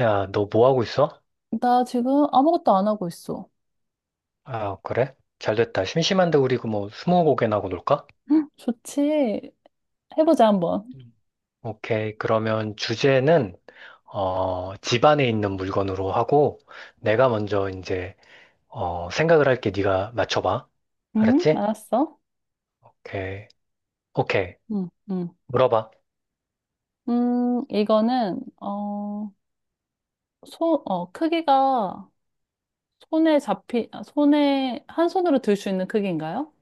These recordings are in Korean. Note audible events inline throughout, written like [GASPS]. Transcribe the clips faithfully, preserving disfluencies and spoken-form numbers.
야, 너 뭐 하고 있어? 나 지금 아무것도 안 하고 있어. 아, 그래? 잘 됐다. 심심한데 우리 그뭐 스무고개나 하고 놀까? 헉, 좋지. 해보자, 한번. 음. 오케이. 그러면 주제는 어, 집 안에 있는 물건으로 하고 내가 먼저 이제 어, 생각을 할게. 네가 맞춰봐. 응, 알았지? 알았어. 오케이. 오케이. 응, 응. 물어봐. 음, 이거는, 어, 손, 어, 크기가 손에 잡히, 아, 손에, 한 손으로 들 수 있는 크기인가요?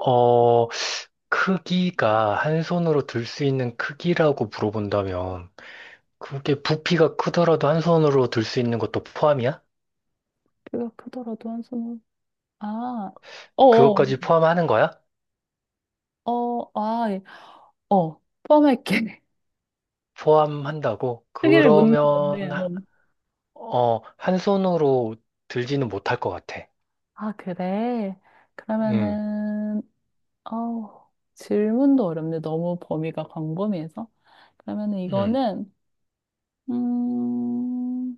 어, 크기가 한 손으로 들 수 있는 크기라고 물어본다면 그게 부피가 크더라도 한 손으로 들 수 있는 것도 포함이야? 크기가 크더라도 한 손으로. 아, 어어, 그것까지 포함하는 거야? 어, 어, 아, 예. 어, 포함할게. [LAUGHS] 포함한다고? 크기를 묻는 건데, 그러면, 어. 하- 어, 한 손으로 들지는 못할 것 같아. 아, 그래. 음, 그러면은, 아우, 질문도 어렵네. 너무 범위가 광범위해서. 그러면 은 음. 이거는, 음,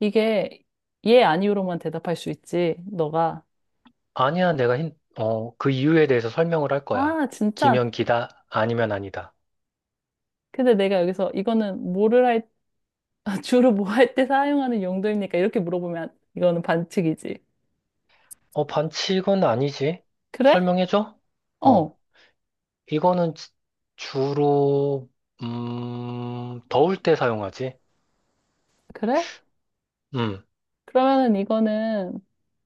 이게 예, 아니오로만 대답할 수 있지. 너가, 아니야, 내가 힌, 어, 그 이유에 대해서 설명을 할 거야. 아, 진짜. 기면 기다, 아니면 아니다. 근데 내가 여기서 이거는 뭐를 할, [LAUGHS] 주로 뭐 할 때 사용하는 용도입니까? 이렇게 물어보면 이거는 반칙이지. 어, 반칙은 아니지. 그래? 설명해줘? 어, 어, 이거는 지- 주로, 음, 더울 때 사용하지. 그래? 음, 그러면은 이거는,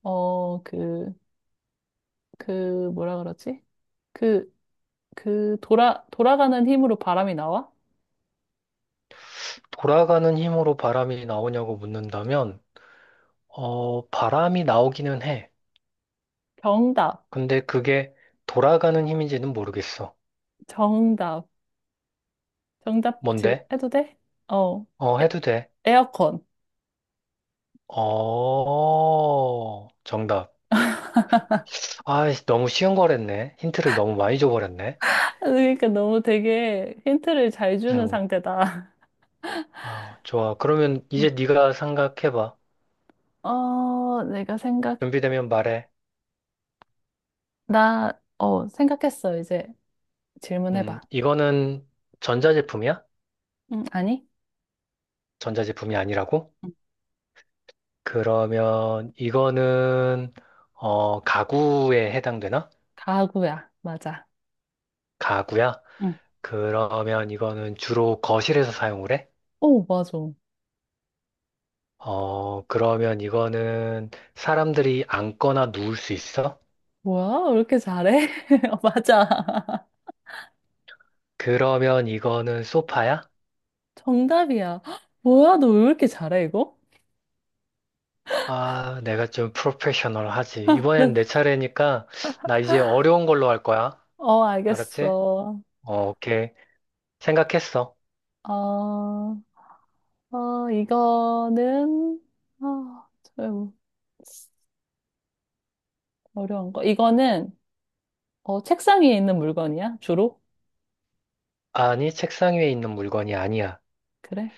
어, 그, 그, 뭐라 그러지? 그, 그, 돌아, 돌아가는 힘으로 바람이 나와? 돌아가는 힘으로 바람이 나오냐고 묻는다면, 어, 바람이 나오기는 해. 정답. 근데 그게 돌아가는 힘인지는 모르겠어. 정답. 정답 지금 뭔데? 해도 돼? 어. 어, 에, 해도 돼. 에어컨. 어, 정답. 아, 너무 쉬운 거랬네. 힌트를 너무 많이 줘버렸네. [LAUGHS] 그러니까 너무 되게 힌트를 잘 주는 음, 상대다. 아, 좋아. 그러면 [LAUGHS] 응. 이제 네가 생각해봐. 어, 내가 생각, 준비되면 말해. 나, 어, 생각했어. 이제 음, 질문해봐. 이거는 전자제품이야? 응, 아니? 전자제품이 아니라고? 응. 그러면 이거는 어, 가구에 해당되나? 가구야. 맞아. 가구야? 응. 그러면 이거는 주로 거실에서 사용을 해? 오, 맞아. 어, 그러면 이거는 사람들이 앉거나 누울 수 있어? 뭐야? 왜 이렇게 잘해? [LAUGHS] 어, 맞아. [LAUGHS] 그러면 이거는 소파야? 정답이야. [GASPS] [LAUGHS] 뭐야? 너 왜 이렇게 잘해, 이거? 아, 내가 좀 프로페셔널하지. [LAUGHS] 이번엔 난- 내 차례니까 나 이제 어려운 걸로 할 거야. 어, 알았지? 알겠어. 어, 오케이. 생각했어. 어. 어, 이거는, 아, 좀 어려운 거. 이거는, 어, 책상 위에 있는 물건이야? 주로? 아니, 책상 위에 있는 물건이 아니야. 그래?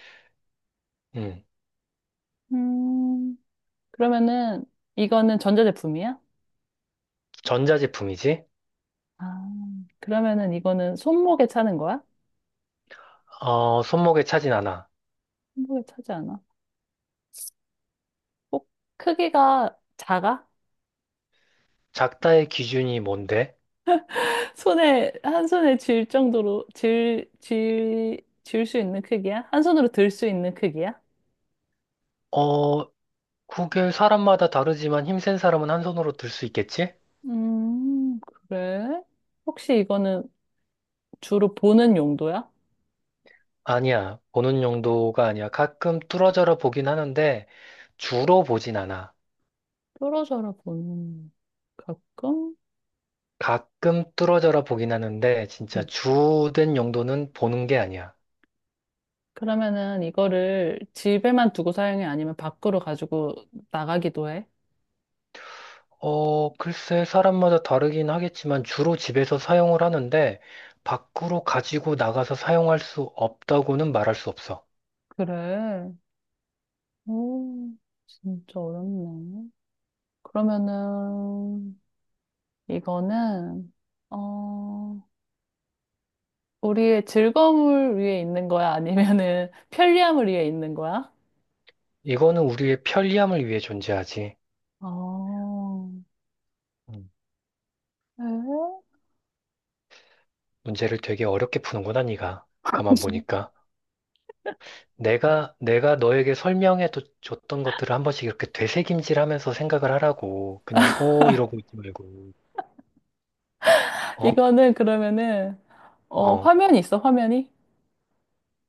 음, 음, 그러면은, 이거는 전자제품이야? 전자제품이지? 아, 그러면은 이거는 손목에 차는 거야? 어, 손목에 차진 않아. 손목에 차지 않아. 꼭 크기가 작아? 작다의 기준이 뭔데? [LAUGHS] 손에, 한 손에 쥘 정도로, 쥘, 쥘, 쥘 수 있는 크기야? 한 손으로 들 수 있는 크기야? 어, 그게 사람마다 다르지만 힘센 사람은 한 손으로 들 수 있겠지? 음, 그래? 혹시 이거는 주로 보는 용도야? 아니야. 보는 용도가 아니야. 가끔 뚫어져라 보긴 하는데 주로 보진 않아. 떨어져라 보는 가끔? 가끔 뚫어져라 보긴 하는데 진짜 음. 주된 용도는 보는 게 아니야. 그러면은 이거를 집에만 두고 사용해? 아니면 밖으로 가지고 나가기도 해? 어, 글쎄 사람마다 다르긴 하겠지만 주로 집에서 사용을 하는데 밖으로 가지고 나가서 사용할 수 없다고는 말할 수 없어. 그래. 오, 진짜 어렵네. 그러면은 이거는 어, 우리의 즐거움을 위해 있는 거야? 아니면은 [LAUGHS] 편리함을 위해 있는 거야? 이거는 우리의 편리함을 위해 존재하지. 어, 음, 에? 문제를 되게 어렵게 푸는구나, 네가. 가만 [LAUGHS] 보니까. 내가, 내가 너에게 설명해 도- 줬던 것들을 한 번씩 이렇게 되새김질 하면서 생각을 하라고. 그냥, 오, 이러고 있지 말고. 어? 이거는 그러면은 어, 어. 화면이 있어, 화면이?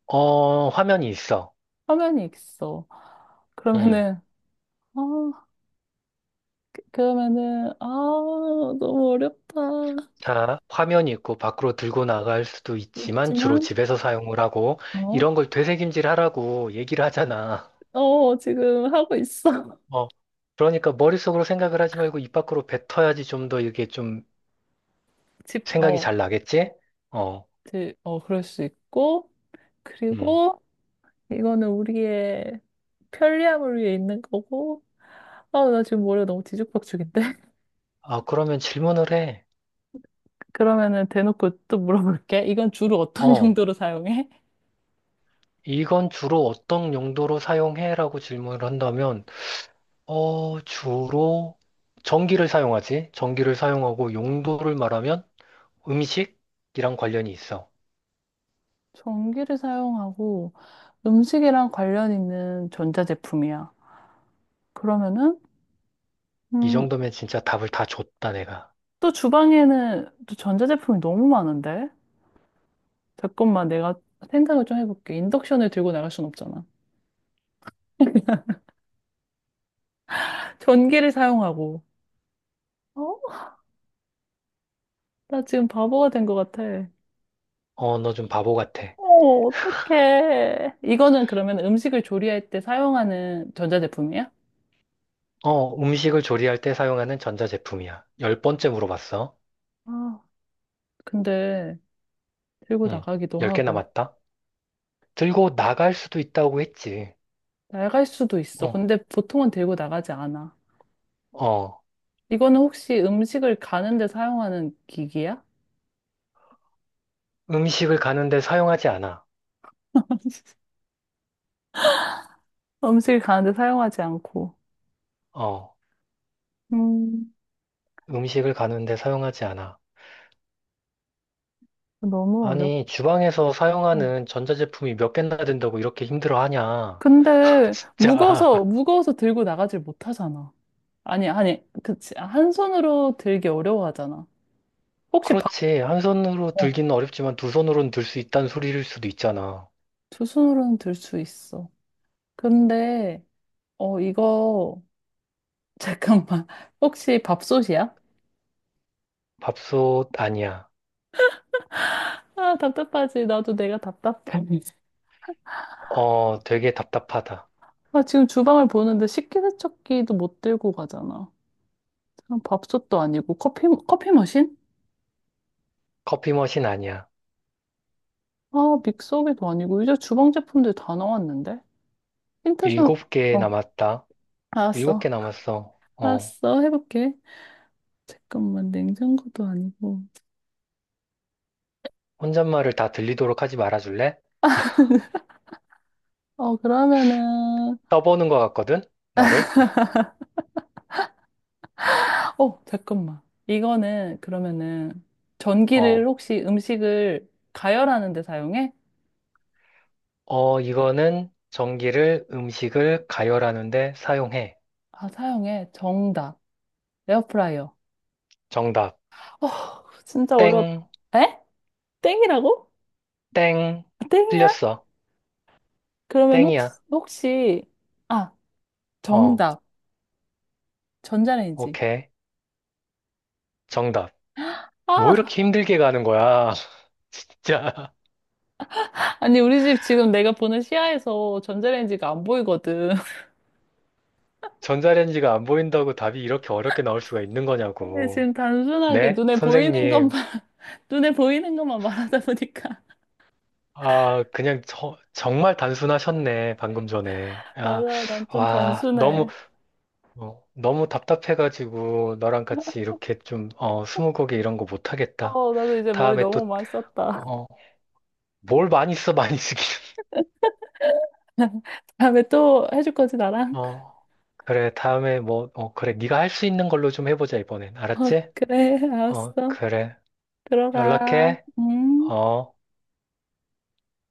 어, 화면이 있어. 화면이 있어. 음. 그러면은 아, 그러면은, 아, 너무 어렵다. 자, 화면이 있고 밖으로 들고 나갈 수도 있지만 주로 있지만, 집에서 사용을 하고 어, 이런 걸 되새김질 하라고 얘기를 하잖아. 어, 지금 하고 있어. [LAUGHS] 어. 그러니까 머릿속으로 생각을 하지 말고 입 밖으로 뱉어야지 좀 더 이게 좀 집, 생각이 어, 잘 나겠지? 어. 지, 어, 그럴 수 있고, 음. 그리고 이거는 우리의 편리함을 위해 있는 거고, 아, 나 지금 머리가 너무 뒤죽박죽인데? [LAUGHS] 아, 그러면 질문을 해. 그러면은 대놓고 또 물어볼게. 이건 주로 어떤 [LAUGHS] 어. 용도로 사용해? 이건 주로 어떤 용도로 사용해라고 질문을 한다면, 어, 주로 전기를 사용하지. 전기를 사용하고 용도를 말하면 음식이랑 관련이 있어. 전기를 사용하고 음식이랑 관련 있는 전자제품이야. 그러면은, 이 음, 정도면 진짜 답을 다 줬다, 내가. 또 주방에는 또 전자제품이 너무 많은데? 잠깐만 내가 생각을 좀 해볼게. 인덕션을 들고 나갈 순 없잖아. [LAUGHS] 전기를 사용하고. 어? 나 지금 바보가 된 것 같아. 어, 너 좀 바보 같아. 어, 어떡해. 이거는 그러면 음식을 조리할 때 사용하는 전자제품이야? 어, 음식을 조리할 때 사용하는 전자제품이야. 열 번째 물어봤어. 아, 근데 들고 응, 나가기도 열 개 하고. 남았다. 들고 나갈 수도 있다고 했지. 낡을 수도 있어. 어, 근데 보통은 들고 나가지 않아. 어, 이거는 혹시 음식을 가는데 사용하는 기기야? 음식을 가는데 사용하지 않아. [LAUGHS] 음식을 가는데 사용하지 않고. 어, 음. 음식을 가는데 사용하지 않아. 너무 어렵고. 아니, 주방에서 사용하는 전자제품이 몇 개나 된다고 이렇게 힘들어하냐. [LAUGHS] 근데 진짜. 무거워서 무거워서 들고 나가질 못하잖아. 아니 아니 그치 한 손으로 들기 어려워하잖아. 혹시 바, 그렇지. 한 손으로 어, 들기는 어렵지만 두 손으로는 들 수 있다는 소리일 수도 있잖아. 두 손으로는 들 수 있어. 근데 어 이거 [LAUGHS] 잠깐만 혹시 밥솥이야? 밥솥 아니야. 아, 답답하지. 나도 내가 답답해. 어, 되게 답답하다. 아, 지금 주방을 보는데 식기세척기도 못 들고 가잖아. 그럼 밥솥도 아니고 커피 커피 머신? 커피 머신 아니야. 아, 믹서기도 아니고 이제 주방 제품들 다 나왔는데. 힌트 좀, 일곱 개 어, 남았다. 일곱 개 알았어. 남았어. 어, 알았어. 해볼게. 잠깐만, 냉장고도 아니고. 혼잣말을 다 들리도록 하지 말아줄래? 어, 그러면은, 떠보는 것 같거든? 나를? 어, 잠깐만. 이거는, 그러면은, 전기를 어, 혹시 음식을 가열하는 데 사용해? 어, 이거는 전기를 음식을 가열하는데 사용해. 아, 사용해. 정답. 에어프라이어. 정답. 어, 진짜 어려웠다. 땡. 에? 땡이라고? 땡. 아, 땡이야? 틀렸어. 그러면 땡이야. 혹시, 혹시, 아, 어, 정답. 전자레인지. 오케이. 정답. 뭐 아, 이렇게 힘들게 가는 거야? [LAUGHS] 진짜. 아니, 우리 집 지금 내가 보는 시야에서 전자레인지가 안 보이거든. 전자레인지가 안 보인다고 답이 이렇게 어렵게 나올 수가 있는 근데 거냐고. 지금 단순하게 네, 눈에 보이는 것만, 선생님. [LAUGHS] 눈에 보이는 것만 말하다 보니까. 아, 그냥 저- 정말 단순하셨네, 방금 전에. [LAUGHS] 아, 맞아, 난 좀 와, 너무, 단순해. 어, 너무 답답해가지고, 너랑 같이 이렇게 좀, 어, 스무고개 이런 거 못하겠다. 어, 나도 이제 머리 다음에 또, 너무 많이 썼다. 어, 뭘 많이 써, 많이 쓰기. [LAUGHS] 다음에 또 해줄 거지, 나랑? 어, 그래, 다음에 뭐, 어, 그래, 네가 할 수 있는 걸로 좀 해보자, 이번엔. [LAUGHS] 어, 알았지? 그래, 어, 알았어. 그래. 들어가. 연락해. 음. 어.